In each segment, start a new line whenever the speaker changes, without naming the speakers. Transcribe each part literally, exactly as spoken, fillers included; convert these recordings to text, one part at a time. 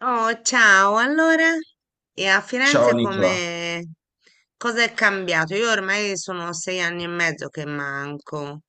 Oh, ciao, allora? E a
Ciao
Firenze
Nicola.
come cosa è cambiato? Io ormai sono sei anni e mezzo che manco.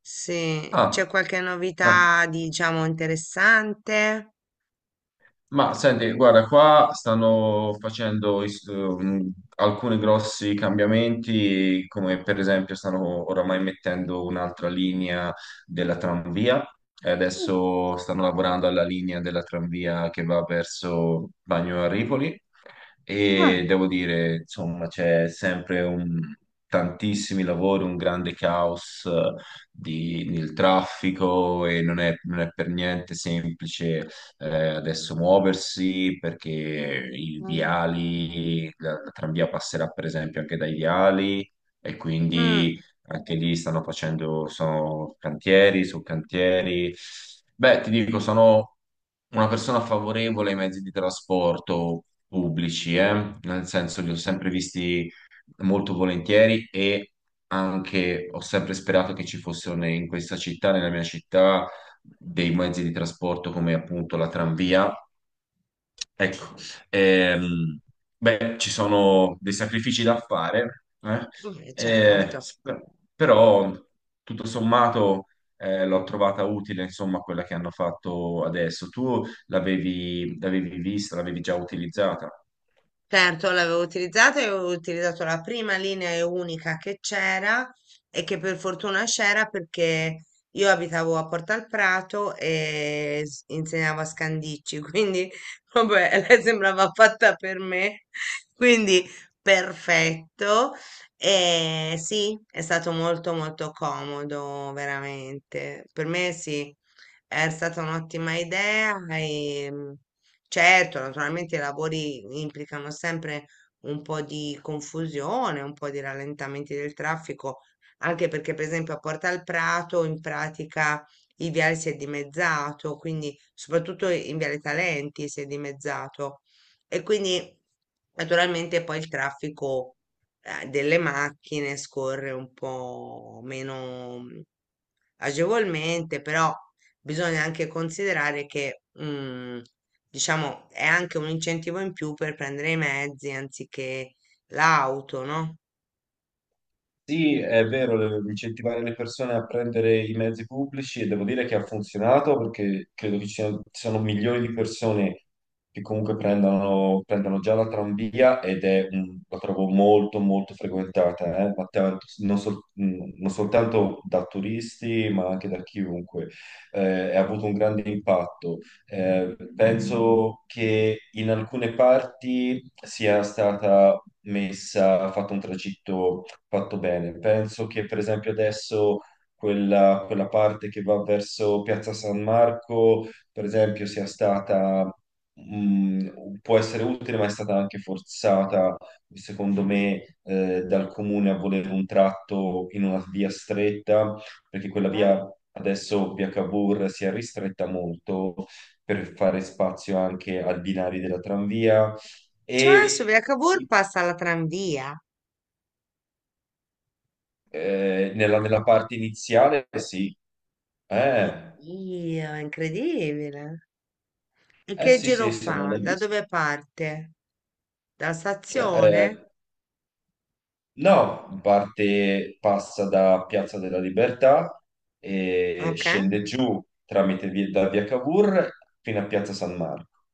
Sì, c'è
Ah,
qualche
ah,
novità, diciamo, interessante?
Ma senti, guarda, qua stanno facendo is- ehm, alcuni grossi cambiamenti, come per esempio stanno oramai mettendo un'altra linea della tranvia e
Mm.
adesso stanno lavorando alla linea della tranvia che va verso Bagno a Ripoli, e
Ah,
devo dire, insomma, c'è sempre un- tantissimi lavori, un grande caos, eh, di- nel traffico, e non è, non è per niente semplice, eh, adesso, muoversi, perché i
mm,
viali, la, la tranvia passerà per esempio anche dai viali, e
mm,
quindi anche lì stanno facendo, sono cantieri su cantieri. Beh, ti dico, sono una persona favorevole ai mezzi di trasporto pubblici, eh, Nel senso li ho sempre visti molto volentieri, e anche ho sempre sperato che ci fossero, ne- in questa città, nella mia città, dei mezzi di trasporto come appunto la tranvia. Ecco, ehm, beh, ci sono dei sacrifici da fare, eh,
eh,
eh,
certo.
sp- però tutto sommato eh, l'ho trovata utile, insomma, quella che hanno fatto adesso. Tu l'avevi l'avevi vista, l'avevi già utilizzata?
Certo, l'avevo utilizzato e avevo utilizzato la prima linea e unica che c'era e che per fortuna c'era, perché io abitavo a Porta al Prato e s- insegnavo a Scandicci, quindi vabbè, lei sembrava fatta per me, quindi perfetto. E sì, è stato molto molto comodo, veramente. Per me sì, è stata un'ottima idea. E certo, naturalmente i lavori implicano sempre un po' di confusione, un po' di rallentamenti del traffico, anche perché per esempio a Porta al Prato, in pratica, il viale si è dimezzato, quindi soprattutto in Viale Talenti si è dimezzato, e quindi naturalmente poi il traffico eh, delle macchine scorre un po' meno agevolmente. Però bisogna anche considerare che, mm, diciamo, è anche un incentivo in più per prendere i mezzi anziché l'auto, no?
Sì, è vero, le- incentivare le persone a prendere i mezzi pubblici, e devo dire che ha funzionato, perché credo che ci siano, ci sono milioni di persone che comunque prendono, prendono già la tranvia, ed è, un- la trovo molto molto frequentata, eh, ma tanto- non, sol- mh, non soltanto da turisti, ma anche da chiunque. Eh, ha avuto un grande impatto. Eh, penso che in alcune parti sia stata messa, fatto un tragitto fatto bene. Penso che per esempio adesso quella, quella parte che va verso Piazza San Marco, per esempio, sia stata, mh, può essere utile, ma è stata anche forzata, secondo me, eh, dal comune, a volere un tratto in una via stretta, perché quella
Eh?
via adesso, via Cavour, si è ristretta molto per fare spazio anche ai binari della tranvia
Cioè, adesso
e.
via Cavour passa la tranvia.
Eh, nella, nella parte iniziale, sì. eh,
Oddio, è incredibile. E
eh,
che
sì,
giro
sì, se non
fa?
l'hai
Da
visto.
dove parte? Dalla
Cioè, eh,
stazione?
no, parte, passa da Piazza della Libertà e
Ok.
scende giù tramite via, da via Cavour, fino a Piazza San Marco.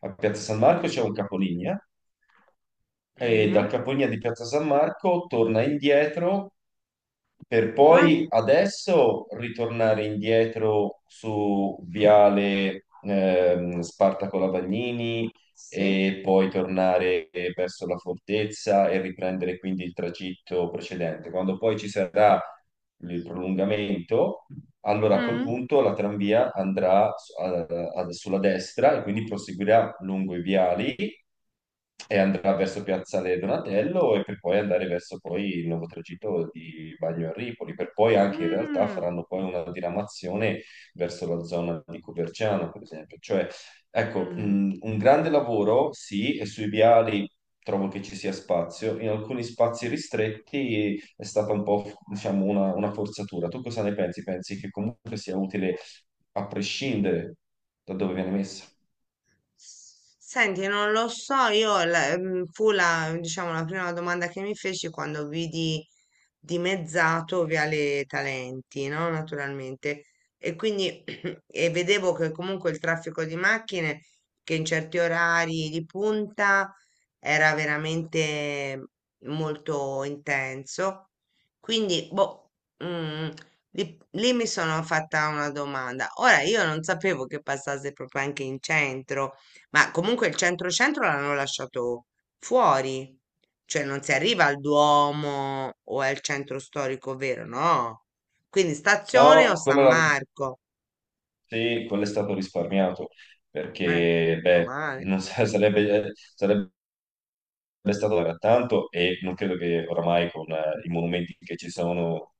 A Piazza San Marco c'è un capolinea, e da
Mhm.
Capolinea di Piazza San Marco torna indietro per
Ah,
poi adesso ritornare indietro su Viale ehm, Spartaco Lavagnini,
sì.
e poi tornare verso la fortezza e riprendere quindi il tragitto precedente. Quando poi ci sarà il prolungamento, allora, a quel
Mm.
punto, la tranvia andrà su- a- a- sulla destra, e quindi proseguirà lungo i viali, e andrà verso Piazzale Donatello, e per poi andare verso poi il nuovo tragitto di Bagno a Ripoli, per poi anche in realtà
Mm.
faranno poi una diramazione verso la zona di Coverciano, per esempio, cioè. Ecco,
Mm.
mh, un grande lavoro, sì, e sui viali trovo che ci sia spazio. In alcuni spazi ristretti è stata un po', diciamo, una, una forzatura. Tu cosa ne pensi? Pensi che comunque sia utile a prescindere da dove viene messa?
Senti, non lo so, io la- mm, fu la, diciamo, la prima domanda che mi feci quando vidi dimezzato Viale Talenti, no? Naturalmente. E quindi e vedevo che comunque il traffico di macchine, che in certi orari di punta, era veramente molto intenso. Quindi, boh, mm, lì, lì mi sono fatta una domanda. Ora, io non sapevo che passasse proprio anche in centro, ma comunque il centro-centro l'hanno lasciato fuori, cioè non si arriva al Duomo o al centro storico vero, no? Quindi stazione o
No,
San
quello, l'ha-
Marco,
sì, quello è stato risparmiato,
eh,
perché, beh,
male.
non sa- sarebbe, eh, sarebbe è stato da tanto, e non credo che oramai, con eh, i monumenti che ci sono,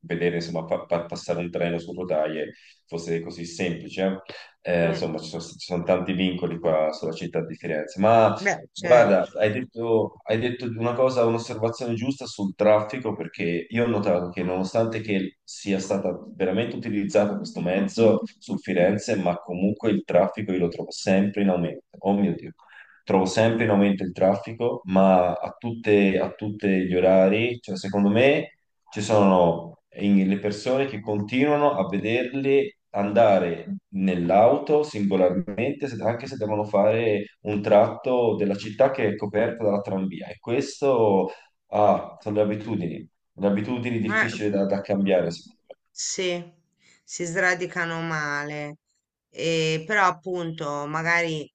vedere insomma pa- pa- passare un treno su rotaie fosse così semplice. Eh, eh,
Mm,
insomma, ci sono, ci sono tanti vincoli qua sulla città di Firenze. Ma
beh, certo.
guarda, hai detto, hai detto una cosa, un'osservazione giusta sul traffico, perché io ho notato che, nonostante che sia stato veramente utilizzato questo mezzo su Firenze, ma comunque il traffico io lo trovo sempre in aumento. Oh mio Dio, trovo sempre in aumento il traffico, ma a tutte, a tutti gli orari, cioè, secondo me, ci sono, in- le persone che continuano a vederli andare nell'auto singolarmente, se- anche se devono fare un tratto della città che è coperta dalla tranvia. E questo, ah, sono le abitudini, le abitudini
Eh.
difficili da, da cambiare, secondo me.
Sì, si sradicano male, e però appunto magari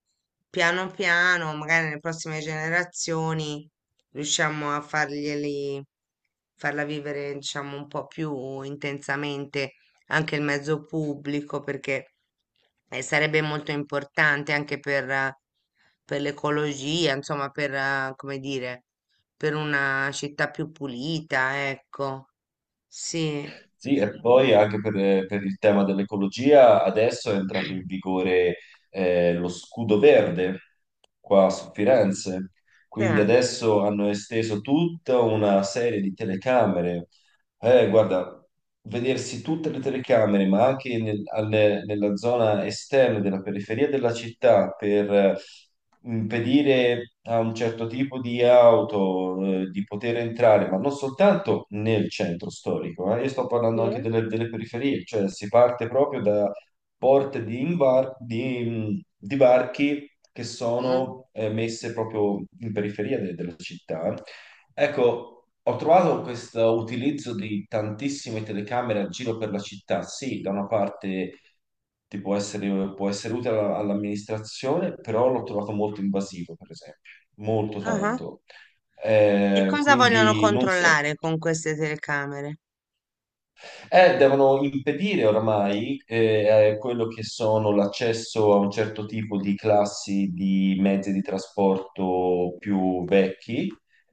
piano piano, magari nelle prossime generazioni riusciamo a farglieli, farla vivere, diciamo, un po' più intensamente anche il mezzo pubblico, perché eh, sarebbe molto importante anche per, eh, per l'ecologia, insomma, per, eh, come dire, per una città più pulita, ecco, sì.
Sì, e poi anche per, per il tema dell'ecologia, adesso è entrato in vigore eh, lo scudo verde qua su Firenze,
Che
quindi
è?
adesso hanno esteso tutta una serie di telecamere. Eh, guarda, vedersi tutte le telecamere, ma anche nel- alle- nella zona esterna della periferia della città, per eh, impedire a un certo tipo di auto, eh, di poter entrare, ma non soltanto nel centro storico, eh, io sto parlando anche
Sì.
delle, delle periferie, cioè si parte proprio da porte di, imbar- di, di varchi che
Mm.
sono eh, messe proprio in periferia de- della città. Ecco, ho trovato questo utilizzo di tantissime telecamere a giro per la città. Sì, da una parte ti può essere, può essere utile alla- all'amministrazione, però l'ho trovato molto invasivo, per esempio, molto
Ah.
tanto.
E
Eh,
cosa vogliono
quindi non so.
controllare con queste telecamere?
Eh, devono impedire oramai, eh, eh, quello che sono l'accesso a un certo tipo di classi di mezzi di trasporto più vecchi,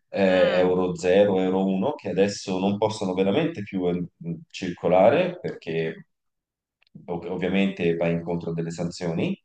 eh,
Mm,
Euro zero, Euro uno, che adesso non possono veramente più eh, circolare, perché ov- ovviamente va incontro a delle sanzioni.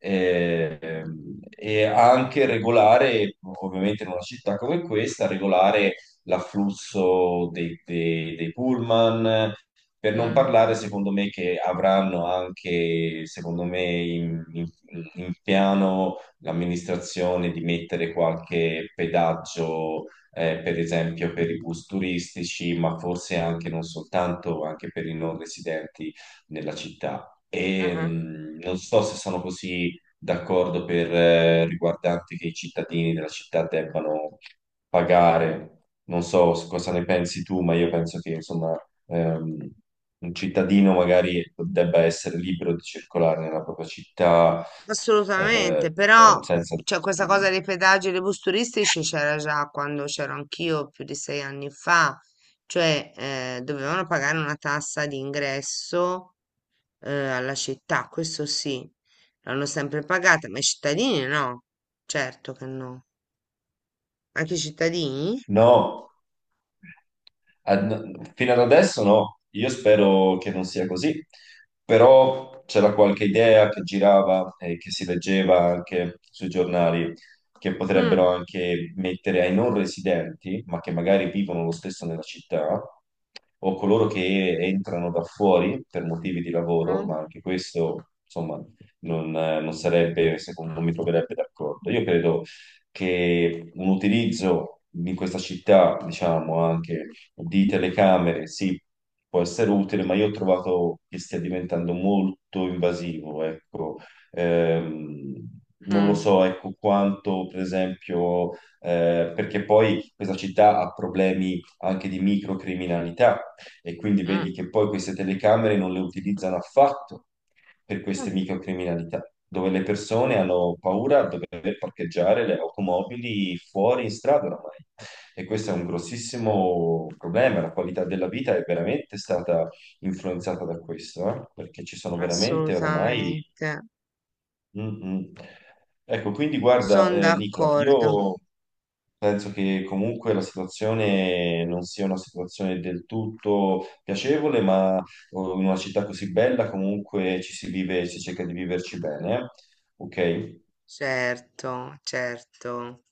eh, ehm, E anche regolare, ovviamente, in una città come questa, regolare l'afflusso dei, dei, dei pullman, per non
mm,
parlare, secondo me, che avranno anche, secondo me, in, in- in piano l'amministrazione di mettere qualche pedaggio, eh, per esempio, per i bus turistici, ma forse anche non soltanto, anche per i non residenti nella città. E,
ah.
mh, non so se sono così d'accordo per, eh, riguardante, che i cittadini della città debbano pagare. Non so cosa ne pensi tu, ma io penso che, insomma, ehm, un cittadino magari debba essere libero di circolare nella propria città
Assolutamente,
eh,
però,
eh, senza.
cioè, questa cosa dei pedaggi e dei bus turistici c'era già quando c'ero anch'io più di sei anni fa, cioè eh, dovevano pagare una tassa di ingresso, eh, alla città, questo sì, l'hanno sempre pagata, ma i cittadini no, certo che no, anche i cittadini?
No, ad- fino ad adesso, no. Io spero che non sia così, però c'era qualche idea che girava e che si leggeva anche sui giornali, che potrebbero
Mm,
anche mettere ai non residenti, ma che magari vivono lo stesso nella città, o coloro che entrano da fuori per motivi di lavoro,
mm,
ma anche questo, insomma, non, eh, non sarebbe, secondo me, mi troverebbe d'accordo. Io credo che un utilizzo in questa città, diciamo, anche di telecamere, sì, può essere utile, ma io ho trovato che stia diventando molto invasivo, ecco. Ehm, Non lo
mm,
so, ecco, quanto, per esempio, eh, perché poi questa città ha problemi anche di microcriminalità, e quindi
mm.
vedi che poi queste telecamere non le utilizzano affatto per
Ah,
queste microcriminalità, dove le persone hanno paura di dover parcheggiare le automobili fuori in strada oramai. E questo è un grossissimo problema, la qualità della vita è veramente stata influenzata da questo, eh, Perché ci sono veramente oramai.
assolutamente,
Mm, mm. Ecco, quindi guarda,
sono
eh, Nicola,
d'accordo,
io penso che comunque la situazione non sia una situazione del tutto piacevole, ma, oh, in una città così bella comunque ci si vive, si cerca di viverci bene, eh. Ok?
certo, certo.